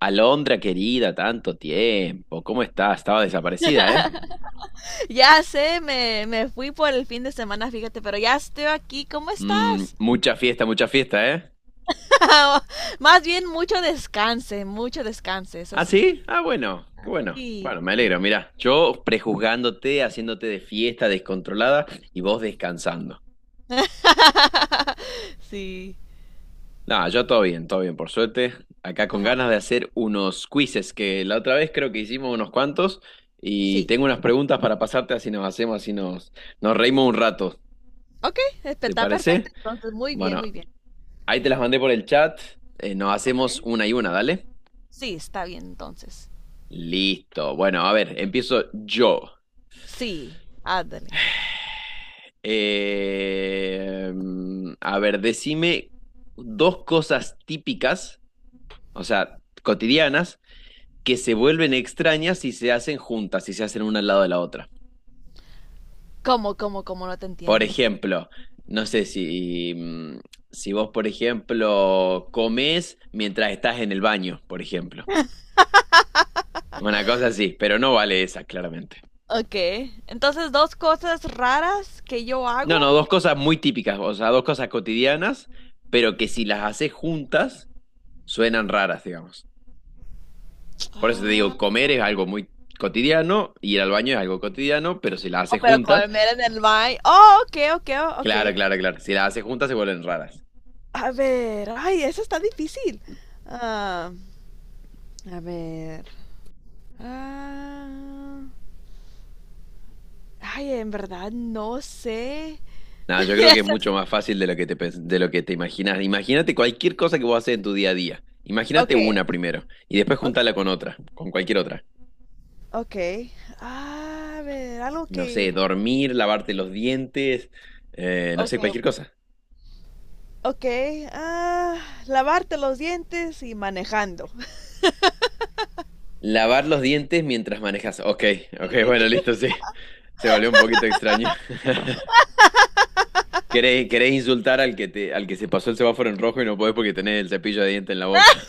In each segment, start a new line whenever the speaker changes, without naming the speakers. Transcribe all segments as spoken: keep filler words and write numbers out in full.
Alondra querida, tanto tiempo. ¿Cómo estás? Estaba desaparecida, ¿eh?
Ya sé, me, me fui por el fin de semana, fíjate, pero ya estoy aquí. ¿Cómo
Mm,
estás?
mucha fiesta, mucha fiesta, ¿eh?
Más bien mucho descanse, mucho descanse, eso
¿Ah,
sí.
sí? Ah, bueno, qué bueno.
Sí.
Bueno, me alegro, mirá. Yo prejuzgándote, haciéndote de fiesta descontrolada y vos descansando.
Sí.
Nah, yo todo bien, todo bien, por suerte. Acá con
Ajá.
ganas de hacer unos quizzes, que la otra vez creo que hicimos unos cuantos y
Sí.
tengo unas preguntas para pasarte así nos hacemos, así nos, nos reímos un rato.
Ok, espe-
¿Te
está perfecto.
parece?
Entonces, muy bien,
Bueno.
muy bien.
Ahí te las mandé por el chat. Eh, nos
Ok.
hacemos una y una, dale.
Sí, está bien entonces.
Listo. Bueno, a ver, empiezo yo.
Sí, ándale.
Eh, a ver, decime dos cosas típicas, o sea, cotidianas, que se vuelven extrañas si se hacen juntas, si se hacen una al lado de la otra.
¿Cómo, cómo, cómo no te
Por
entiendo?
ejemplo, no sé si, mm, si vos, por ejemplo, comes mientras estás en el baño, por ejemplo. Una cosa así, pero no vale esa, claramente.
Ok. Entonces, dos cosas raras que yo
No,
hago.
no, dos cosas muy típicas, o sea, dos cosas cotidianas, pero que si las haces juntas suenan raras, digamos. Por eso te digo,
Ah,
comer es algo muy cotidiano, ir al baño es algo cotidiano, pero si las
oh,
haces
pero
juntas,
comer en el baño. Oh, ok, ok,
claro,
ok.
claro, claro, si las haces juntas se vuelven raras.
A ver, ay, eso está difícil. Ah, a ver. ah, Ay, en verdad no sé.
Nada, yo creo que es mucho más fácil de lo que te, pens- de lo que te imaginas. Imagínate cualquier cosa que vos haces en tu día a día.
Ok,
Imagínate una primero y después juntala con
ok,
otra, con cualquier otra.
ok. Ah, A ver, algo
No
que...
sé, dormir, lavarte los dientes, eh, no
Ok,
sé, cualquier cosa.
ok. Ah, lavarte los dientes y manejando.
Lavar los dientes mientras manejas. Ok, ok, bueno, listo, sí. Se volvió un poquito extraño. ¿Querés, querés insultar al que te, al que se pasó el semáforo en rojo y no podés porque tenés el cepillo de dientes en la boca?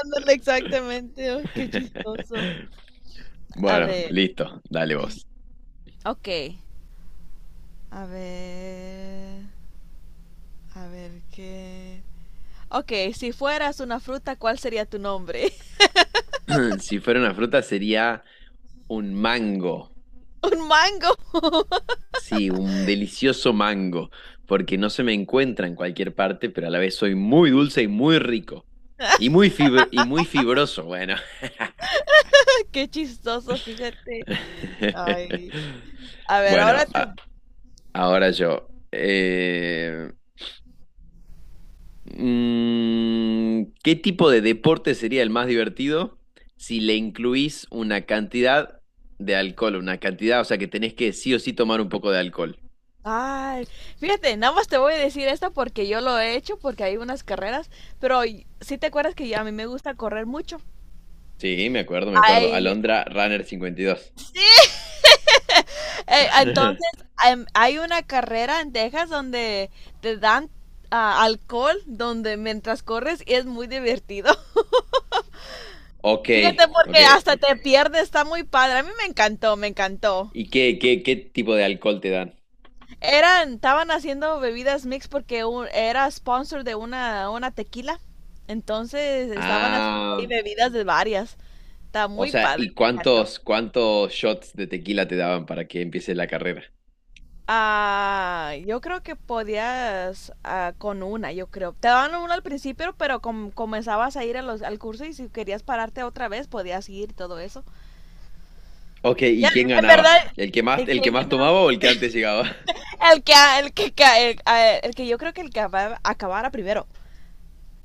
Ándale, exactamente. Oh, qué chistoso. A
Bueno,
ver,
listo, dale vos.
ok. A ver, a ver qué. Ok, si fueras una fruta, ¿cuál sería tu nombre?
Si fuera una fruta sería un mango.
Un mango.
Sí, un delicioso mango, porque no se me encuentra en cualquier parte, pero a la vez soy muy dulce y muy rico. Y muy fibro- y muy fibroso, bueno.
Qué chistoso, fíjate. Ay. A ver,
Bueno,
ahora tú.
a- ahora yo. Eh, mm, ¿qué tipo de deporte sería el más divertido si le incluís una cantidad de alcohol? Una cantidad, o sea que tenés que sí o sí tomar un poco de alcohol.
Ay, fíjate, nada más te voy a decir esto porque yo lo he hecho, porque hay unas carreras, pero y- sí te acuerdas que a mí me gusta correr mucho.
Sí, me acuerdo, me acuerdo.
Ay,
Alondra Runner cincuenta y dos.
eh, entonces em, hay una carrera en Texas donde te dan ah, alcohol donde mientras corres y es muy divertido.
Ok,
Fíjate porque
ok.
hasta te pierdes, está muy padre. A mí me encantó, me encantó.
¿Y qué, qué, qué tipo de alcohol te dan?
Eran, estaban haciendo bebidas mix porque un- era sponsor de una, una tequila. Entonces estaban haciendo ahí
Ah,
bebidas de varias. Está
o
muy
sea,
padre,
¿y
me encantó.
cuántos, cuántos shots de tequila te daban para que empiece la carrera?
Ah, yo creo que podías ah, con una, yo creo. Te daban una al principio, pero com- comenzabas a ir a los, al curso y si querías pararte otra vez, podías ir y todo eso.
Ok, ¿y
Ya,
quién
en
ganaba?
verdad,
¿El que más,
¿el
el que
quién
más
ganaba?
tomaba o el que antes llegaba?
El que, el que, ca- el, ah, el que yo creo que el que acaba- acabara primero.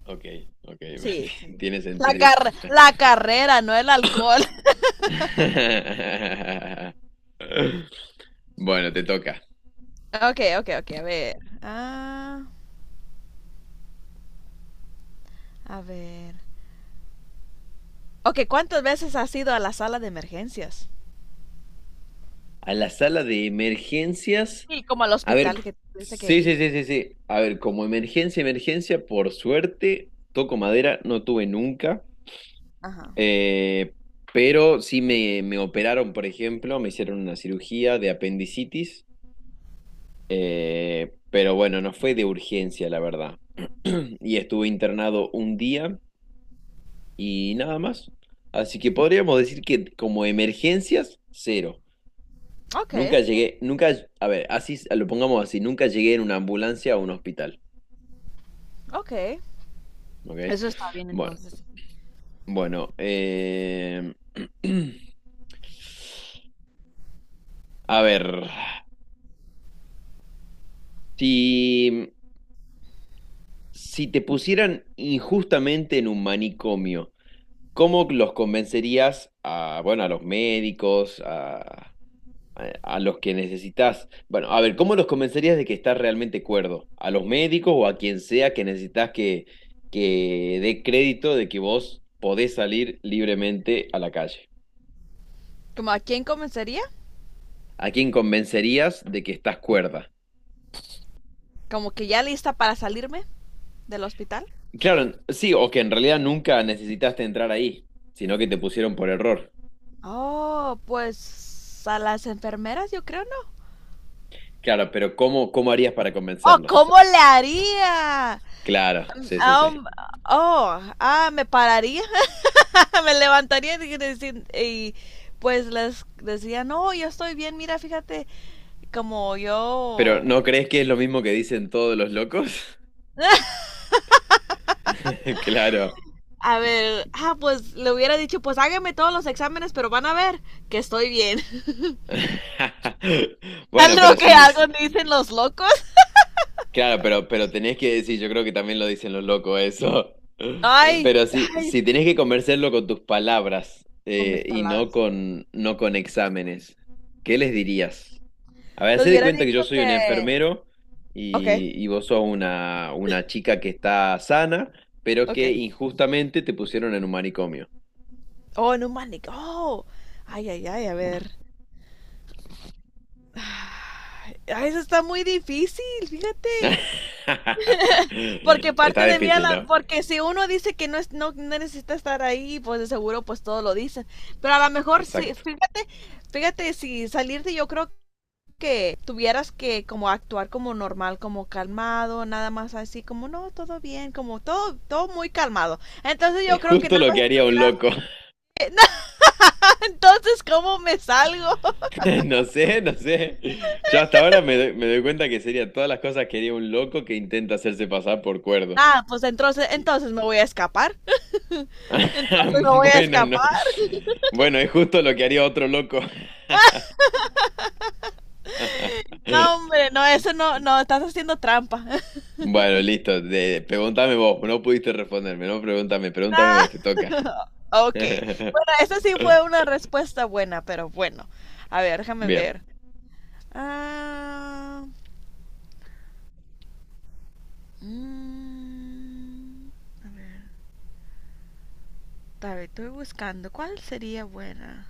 Ok, ok,
Sí. Sí.
tiene
La,
sentido.
car- la carrera, no el alcohol.
Bueno, te toca.
Ok, ok, ok, a ver. Ah, a ver. Ok, ¿cuántas veces has ido a la sala de emergencias?
A la sala de emergencias.
Sí, como al
A ver,
hospital que tuviste que
sí,
ir.
sí, sí, sí, sí. A ver, como emergencia, emergencia, por suerte, toco madera, no tuve nunca.
Ajá.
Eh, pero sí me, me operaron, por ejemplo, me hicieron una cirugía de apendicitis. Eh, pero bueno, no fue de urgencia, la verdad. Y estuve internado un día y nada más. Así que podríamos decir que como emergencias, cero.
Ok,
Nunca llegué, nunca, a ver, así lo pongamos así, nunca llegué en una ambulancia a un hospital.
ok.
¿Ok?
Eso está bien
Bueno,
entonces.
bueno. eh, A ver, si, si te pusieran injustamente en un manicomio, ¿cómo los convencerías a, bueno, a los médicos, a, a, los que necesitas? Bueno, a ver, ¿cómo los convencerías de que estás realmente cuerdo? ¿A los médicos o a quien sea que necesitas que, que dé crédito de que vos podés salir libremente a la calle?
¿Como a quién comenzaría?
¿A quién convencerías de que estás cuerda?
¿Como que ya lista para salirme del hospital?
Claro, sí, o que en realidad nunca necesitaste entrar ahí, sino que te pusieron por error.
Oh, pues a las enfermeras yo creo, ¿no?
Claro, pero ¿cómo, cómo harías para
Oh,
convencerlos?
¿cómo le haría?
Claro, sí, sí, sí.
Um, oh, ah, Me pararía me levantaría y, decir- y pues les decía, no, yo estoy bien, mira, fíjate, como
Pero
yo...
¿no crees que es lo mismo que dicen todos los locos? Claro.
A ver, ah, pues le hubiera dicho, pues hágame todos los exámenes, pero van a ver que estoy bien.
Bueno,
Algo
pero
que
sí,
algo
sí.
dicen los locos.
Claro, pero, pero tenés que decir, yo creo que también lo dicen los locos eso.
Ay,
Pero sí,
ay,
si tenés que convencerlo con tus palabras
con
eh,
mis
y no
palabras.
con, no con exámenes, ¿qué les dirías? A ver,
Les
hacé de
hubiera
cuenta que
dicho
yo soy un
que...
enfermero
Ok,
y, y vos sos una, una chica que está sana, pero
ok.
que injustamente te pusieron en un manicomio.
Oh, no mames. Oh, ay, ay, ay, a ver. Ay, eso está muy difícil, fíjate. Porque
Está
parte de mí, a
difícil,
la,
¿no?
porque si uno dice que no, es, no no necesita estar ahí, pues de seguro pues todo lo dicen. Pero a lo mejor, si,
Exacto.
fí- fíjate, si salirte yo creo que tuvieras que como actuar como normal, como calmado, nada más así como no, todo bien, como todo, todo muy calmado. Entonces yo
Es
creo que
justo
nada
lo
más
que haría un
estuviera...
loco.
No, entonces, ¿cómo me salgo?
No sé, no sé. Yo hasta ahora me doy, me doy cuenta que sería todas las cosas que haría un loco que intenta hacerse pasar por cuerdo.
Ah, pues entonces,
Y-
entonces me voy a escapar. Entonces me voy a
Bueno, no.
escapar.
Bueno, es justo lo que haría otro loco.
No, hombre, no, eso no, no, estás haciendo trampa.
Bueno, listo. De- pregúntame vos. No pudiste responderme, no pregúntame. Pregúntame vos, te toca.
Ok. Bueno, esa sí fue una respuesta buena, pero bueno. A ver, déjame
Bien.
ver. Ah, mm, a ver, estoy buscando. ¿Cuál sería buena?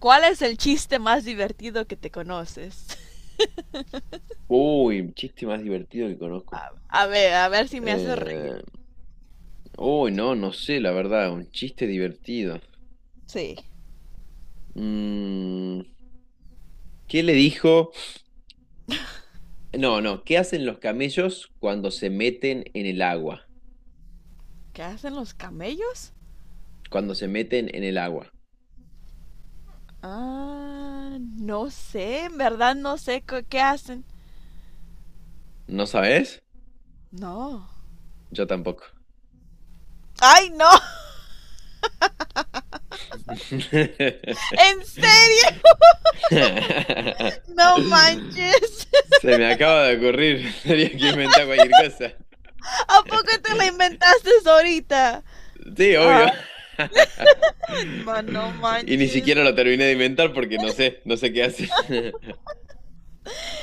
¿Cuál es el chiste más divertido que te conoces?
Uy, un chiste más divertido que conozco.
A ver, a ver si me haces reír.
Eh, Uy, no, no sé, la verdad, un chiste divertido.
Sí.
Mm, ¿Qué le dijo? No, no, ¿qué hacen los camellos cuando se meten en el agua?
¿Qué hacen los camellos?
Cuando se meten en el agua.
Ah, no sé, en verdad no sé co- qué hacen.
¿No sabes?
No.
Yo tampoco.
¡Ay, no! ¿En serio? No manches.
Se me acaba de ocurrir, tenía que inventar cualquier cosa.
¿A poco te la inventaste ahorita?
Sí,
Ay,
obvio.
man, no
Y ni
manches.
siquiera lo terminé de inventar porque no sé, no sé qué hacen.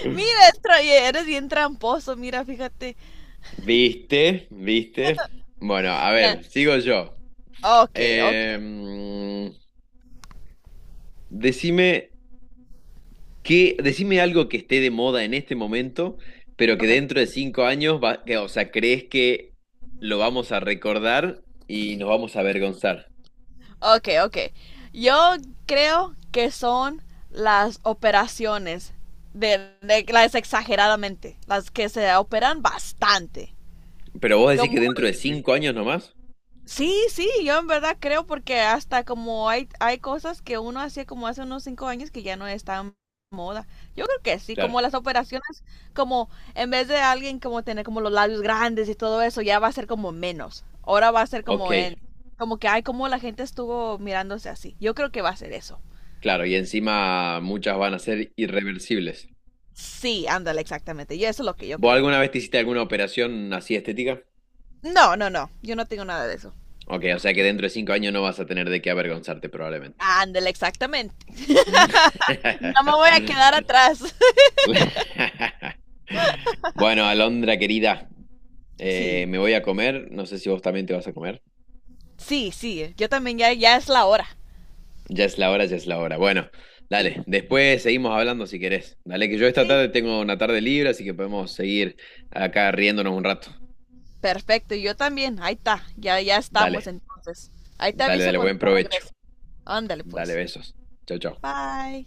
Mira, tra- eres bien tramposo, mira, fíjate.
¿Viste? ¿Viste? Bueno, a
Ya.
ver, sigo yo.
Ok, ok.
Em, decime qué, decime algo que esté de moda en este momento, pero que
Ok.
dentro de cinco años va- que, o sea, crees que lo vamos a recordar y nos vamos a avergonzar.
Ok, ok. Yo creo que son las operaciones de, de- las exageradamente, las que se operan bastante.
Pero vos decís
Como
que dentro de cinco años nomás,
sí, sí, yo en verdad creo porque hasta como hay, hay cosas que uno hacía como hace unos cinco años que ya no están moda. Yo creo que sí,
claro,
como las operaciones, como en vez de alguien como tener como los labios grandes y todo eso, ya va a ser como menos. Ahora va a ser
ok,
como en, como que, hay como la gente estuvo mirándose así. Yo creo que va a ser eso.
claro, y encima muchas van a ser irreversibles.
Sí, ándale, exactamente. Yo eso es lo que yo
¿Vos
creo.
alguna vez te hiciste alguna operación así estética?
No, no, no, yo no tengo nada de eso.
Ok, o sea que dentro de cinco años no vas a tener de qué avergonzarte probablemente.
Ándale, exactamente.
Mm.
No me voy a quedar atrás.
Bueno, Alondra querida, eh,
Sí.
me voy a comer. No sé si vos también te vas a comer.
Sí, sí, eh, yo también, ya, ya es la hora.
Ya es la hora, ya es la hora. Bueno,
Sí.
dale, después seguimos hablando si querés. Dale, que yo esta
Sí.
tarde tengo una tarde libre, así que podemos seguir acá riéndonos un rato.
Perfecto, yo también, ahí está, ya, ya estamos
Dale,
entonces. Ahí te
dale,
aviso
dale,
cuando
buen
ya
provecho.
regrese. Ándale
Dale,
pues.
besos. Chau, chau.
Bye.